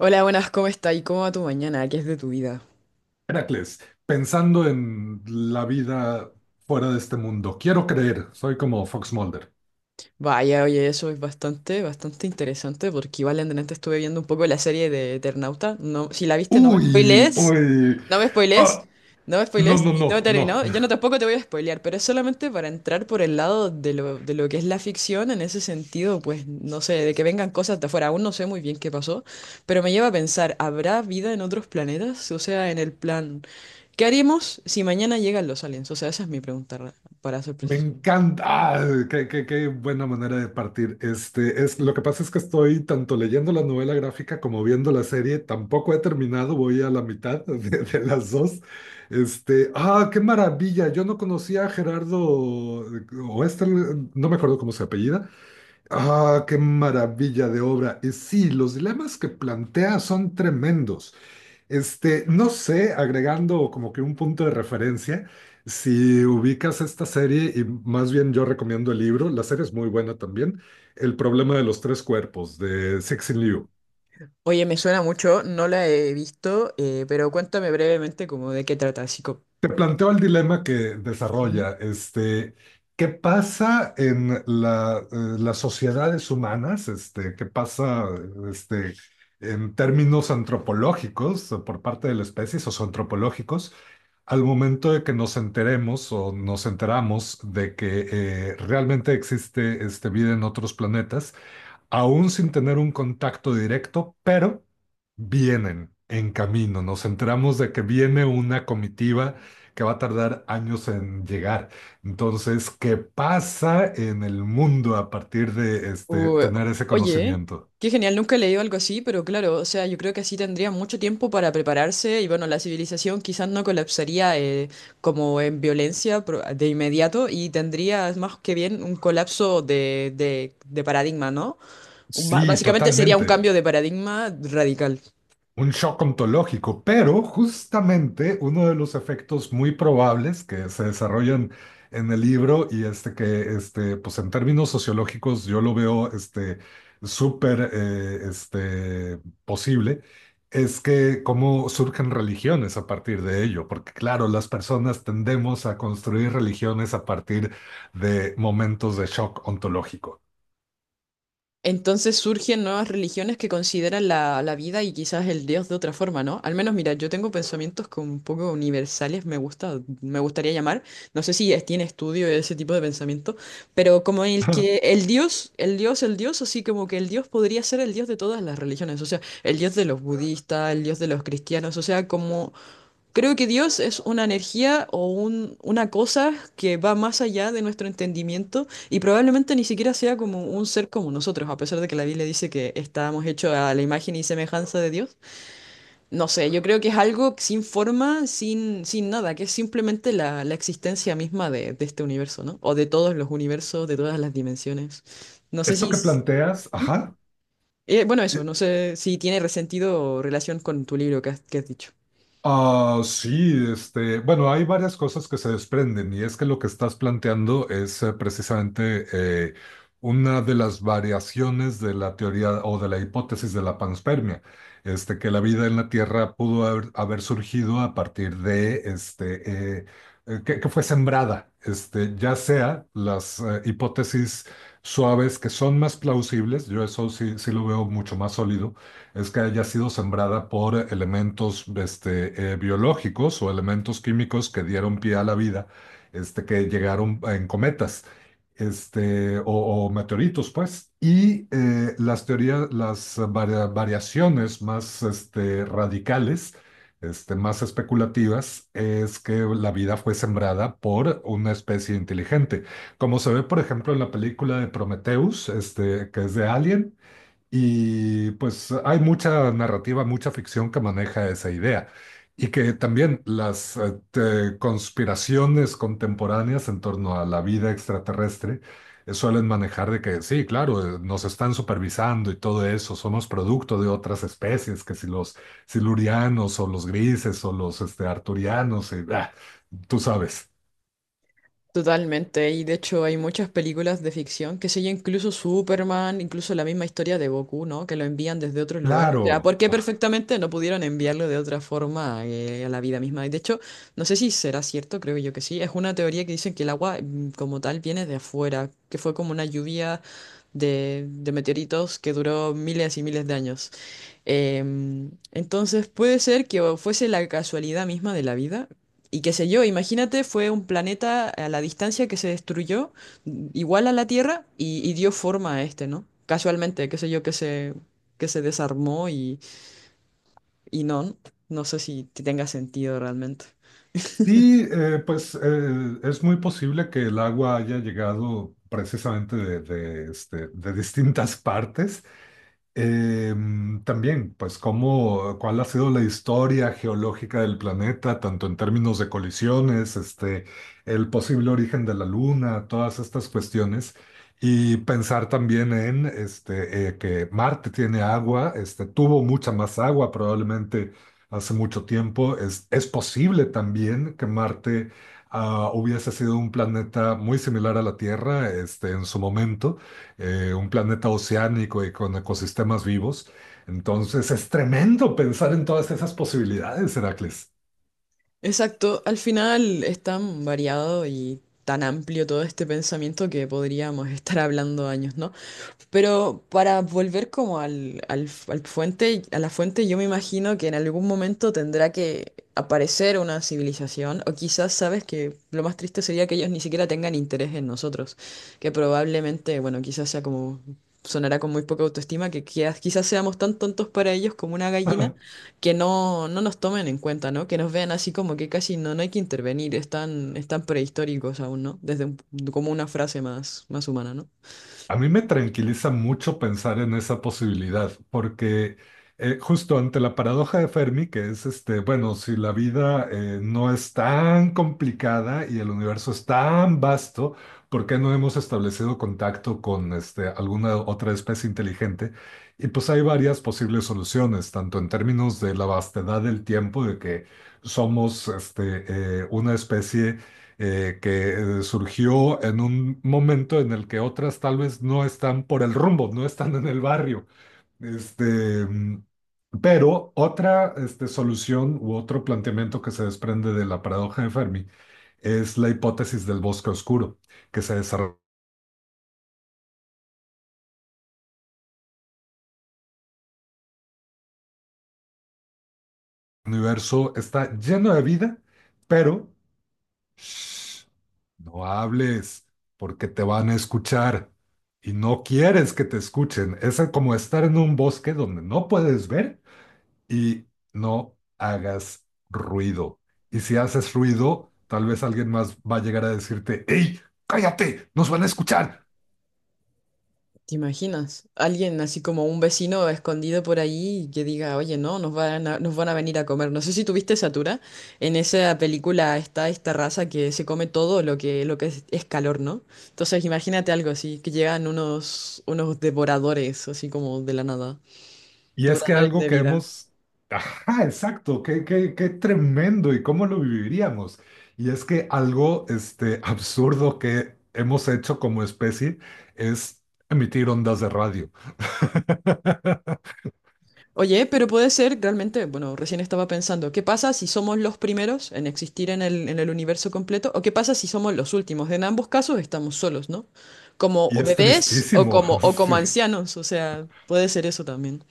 Hola, buenas, ¿cómo estás? ¿Y cómo va tu mañana? ¿Qué es de tu vida? Heracles, pensando en la vida fuera de este mundo, quiero creer, soy como Fox Mulder. Vaya, oye, eso es bastante interesante porque igual en delante estuve viendo un poco la serie de Eternauta. No, si la viste, no me Uy, spoilees. uy, No me ah, spoilees. No me no, spoilees. no, y No he no, no, terminado. Yo no tampoco te voy a spoilear, pero es solamente para entrar por el lado de lo que es la ficción. En ese sentido, pues no sé, de que vengan cosas de afuera. Aún no sé muy bien qué pasó, pero me lleva a pensar, ¿habrá vida en otros planetas? O sea, en el plan, ¿qué haríamos si mañana llegan los aliens? O sea, esa es mi pregunta, para ser me preciso. encanta, qué buena manera de partir. Lo que pasa es que estoy tanto leyendo la novela gráfica como viendo la serie, tampoco he terminado, voy a la mitad de las dos. Qué maravilla. Yo no conocía a Gerardo, o no me acuerdo cómo se apellida. Ah, qué maravilla de obra. Y sí, los dilemas que plantea son tremendos. No sé, agregando como que un punto de referencia, si ubicas esta serie, y más bien yo recomiendo el libro, la serie es muy buena también, El problema de los tres cuerpos de Cixin Liu. Oye, me suena mucho, no la he visto, pero cuéntame brevemente como de qué trata, así Te planteo el dilema que Ujú. desarrolla, ¿qué pasa en las sociedades humanas? ¿Qué pasa, este, en términos antropológicos o por parte de la especie, socioantropológicos, al momento de que nos enteremos o nos enteramos de que realmente existe, vida en otros planetas? Aún sin tener un contacto directo, pero vienen en camino. Nos enteramos de que viene una comitiva que va a tardar años en llegar. Entonces, ¿qué pasa en el mundo a partir de Uy, tener ese oye, conocimiento? qué genial, nunca he leído algo así, pero claro, o sea, yo creo que así tendría mucho tiempo para prepararse y bueno, la civilización quizás no colapsaría como en violencia de inmediato y tendrías más que bien un colapso de paradigma, ¿no? Sí, Básicamente sería un totalmente. cambio de paradigma radical. Un shock ontológico, pero justamente uno de los efectos muy probables que se desarrollan en el libro y pues en términos sociológicos yo lo veo, súper posible, es que cómo surgen religiones a partir de ello, porque claro, las personas tendemos a construir religiones a partir de momentos de shock ontológico. Entonces surgen nuevas religiones que consideran la vida y quizás el Dios de otra forma, ¿no? Al menos, mira, yo tengo pensamientos como un poco universales, me gustaría llamar. No sé si tiene estudio ese tipo de pensamiento, pero como el que el Dios, así como que el Dios podría ser el Dios de todas las religiones, o sea, el Dios de los budistas, el Dios de los cristianos, o sea, como Creo que Dios es una energía o una cosa que va más allá de nuestro entendimiento y probablemente ni siquiera sea como un ser como nosotros, a pesar de que la Biblia dice que estábamos hechos a la imagen y semejanza de Dios. No sé, yo creo que es algo sin forma, sin nada, que es simplemente la existencia misma de este universo, ¿no? O de todos los universos, de todas las dimensiones. No sé Esto si... que planteas, ajá. Bueno, eso, no sé si tiene resentido o relación con tu libro que has dicho. Ah, sí, bueno, hay varias cosas que se desprenden y es que lo que estás planteando es precisamente eh, una de las variaciones de la teoría o de la hipótesis de la panspermia, que la vida en la Tierra pudo haber surgido a partir de, que fue sembrada, ya sea las hipótesis suaves que son más plausibles, yo eso sí lo veo mucho más sólido, es que haya sido sembrada por elementos biológicos o elementos químicos que dieron pie a la vida, que llegaron en cometas o meteoritos, pues. Y las teorías, las variaciones más radicales, más especulativas, es que la vida fue sembrada por una especie inteligente. Como se ve, por ejemplo, en la película de Prometheus, que es de Alien, y pues hay mucha narrativa, mucha ficción que maneja esa idea. Y que también las conspiraciones contemporáneas en torno a la vida extraterrestre suelen manejar de que sí, claro, nos están supervisando y todo eso, somos producto de otras especies, que si los silurianos o los grises o los arturianos, y, ah, tú sabes. Totalmente, y de hecho hay muchas películas de ficción, que sé yo, incluso Superman, incluso la misma historia de Goku, ¿no? Que lo envían desde otro lugar. O sea, Claro. ¿por qué perfectamente no pudieron enviarlo de otra forma a la vida misma? Y de hecho, no sé si será cierto, creo yo que sí. Es una teoría que dicen que el agua como tal viene de afuera, que fue como una lluvia de meteoritos que duró miles y miles de años. Entonces puede ser que o fuese la casualidad misma de la vida. Y qué sé yo, imagínate, fue un planeta a la distancia que se destruyó, igual a la Tierra, y dio forma a este, ¿no? Casualmente, qué sé yo, que se desarmó y no, no sé si tenga sentido realmente. Sí, pues es muy posible que el agua haya llegado precisamente de distintas partes. También, pues, cómo, cuál ha sido la historia geológica del planeta, tanto en términos de colisiones, el posible origen de la Luna, todas estas cuestiones. Y pensar también en que Marte tiene agua, tuvo mucha más agua probablemente hace mucho tiempo. Es posible también que Marte hubiese sido un planeta muy similar a la Tierra en su momento, un planeta oceánico y con ecosistemas vivos. Entonces es tremendo pensar en todas esas posibilidades, Heracles. Exacto, al final es tan variado y tan amplio todo este pensamiento que podríamos estar hablando años, ¿no? Pero para volver como al a la fuente, yo me imagino que en algún momento tendrá que aparecer una civilización, o quizás sabes que lo más triste sería que ellos ni siquiera tengan interés en nosotros, que probablemente, bueno, quizás sea como, sonará con muy poca autoestima, que quizás seamos tan tontos para ellos como una gallina, que no, no nos tomen en cuenta, ¿no? Que nos vean así como que casi no, no hay que intervenir, están prehistóricos aún, ¿no? Como una frase más humana, ¿no? A mí me tranquiliza mucho pensar en esa posibilidad, porque justo ante la paradoja de Fermi, que es bueno, si la vida no es tan complicada y el universo es tan vasto, ¿por qué no hemos establecido contacto con alguna otra especie inteligente? Y pues hay varias posibles soluciones, tanto en términos de la vastedad del tiempo, de que somos una especie que surgió en un momento en el que otras tal vez no están por el rumbo, no están en el barrio. Este, mm, pero otra solución u otro planteamiento que se desprende de la paradoja de Fermi es la hipótesis del bosque oscuro, que se desarrolla. El universo está lleno de vida, pero shh, no hables porque te van a escuchar y no quieres que te escuchen. Es como estar en un bosque donde no puedes ver y no hagas ruido. Y si haces ruido, tal vez alguien más va a llegar a decirte, ¡Ey, cállate! ¡Nos van a escuchar! ¿Te imaginas? Alguien así como un vecino escondido por ahí que diga, oye, no, nos van a venir a comer. No sé si tuviste Satura. En esa película está esta raza que se come todo lo que es calor, ¿no? Entonces imagínate algo así, que llegan unos devoradores, así como de la nada. Y es que Devoradores algo de que vida. hemos... Ajá, exacto, qué tremendo y cómo lo viviríamos. Y es que algo absurdo que hemos hecho como especie es emitir ondas de radio. Oye, pero puede ser realmente, bueno, recién estaba pensando, ¿qué pasa si somos los primeros en existir en el universo completo? ¿O qué pasa si somos los últimos? En ambos casos estamos solos, ¿no? Como Y es bebés tristísimo. O como Sí, ancianos, o sea, puede ser eso también.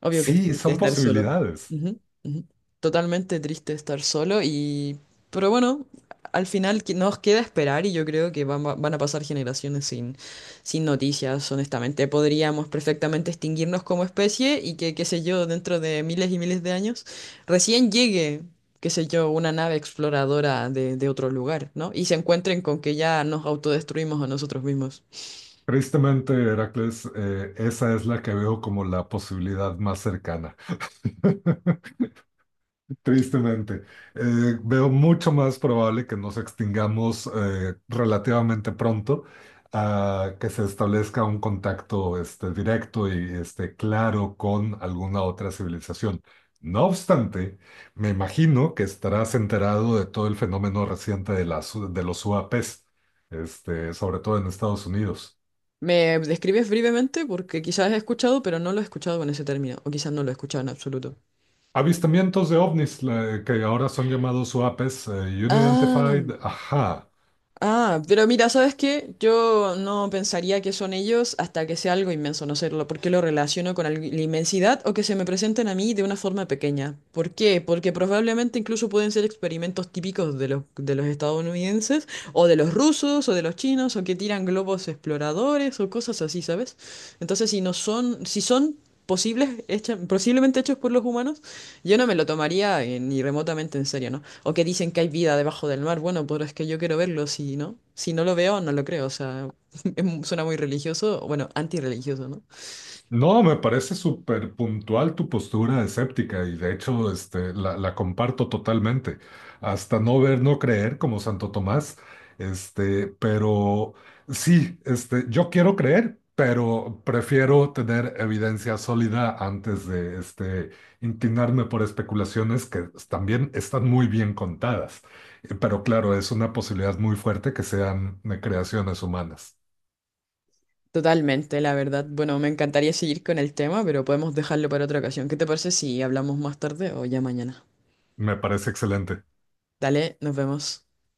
Obvio que es sí, triste son estar solo. posibilidades. Ujú, ujú. Totalmente triste estar solo y... Pero bueno, al final nos queda esperar y yo creo que van a pasar generaciones sin, sin noticias, honestamente. Podríamos perfectamente extinguirnos como especie y que, qué sé yo, dentro de miles y miles de años, recién llegue, qué sé yo, una nave exploradora de otro lugar, ¿no? Y se encuentren con que ya nos autodestruimos a nosotros mismos. Tristemente, Heracles, esa es la que veo como la posibilidad más cercana. Tristemente, veo mucho más probable que nos extingamos relativamente pronto a que se establezca un contacto directo y claro con alguna otra civilización. No obstante, me imagino que estarás enterado de todo el fenómeno reciente de, de los UAPs, sobre todo en Estados Unidos. ¿Me describes brevemente? Porque quizás he escuchado, pero no lo he escuchado con ese término, o quizás no lo he escuchado en absoluto. Avistamientos de ovnis, que ahora son llamados UAPs, Ah, Unidentified, ajá. ah, pero mira, ¿sabes qué? Yo no pensaría que son ellos hasta que sea algo inmenso, no sé, porque lo relaciono con la inmensidad o que se me presenten a mí de una forma pequeña. ¿Por qué? Porque probablemente incluso pueden ser experimentos típicos de los estadounidenses, o de los rusos, o de los chinos, o que tiran globos exploradores, o cosas así, ¿sabes? Entonces, si son posibles, posiblemente hechos por los humanos, yo no me lo tomaría ni remotamente en serio, ¿no? O que dicen que hay vida debajo del mar, bueno, pero es que yo quiero verlo, si no, si no lo veo, no lo creo, o sea, es suena muy religioso, o bueno, antirreligioso, ¿no? No, me parece súper puntual tu postura escéptica y de hecho la comparto totalmente. Hasta no ver, no creer, como Santo Tomás. Pero sí, yo quiero creer, pero prefiero tener evidencia sólida antes de inclinarme por especulaciones que también están muy bien contadas. Pero claro, es una posibilidad muy fuerte que sean creaciones humanas. Totalmente, la verdad. Bueno, me encantaría seguir con el tema, pero podemos dejarlo para otra ocasión. ¿Qué te parece si hablamos más tarde o ya mañana? Me parece excelente. Dale, nos vemos.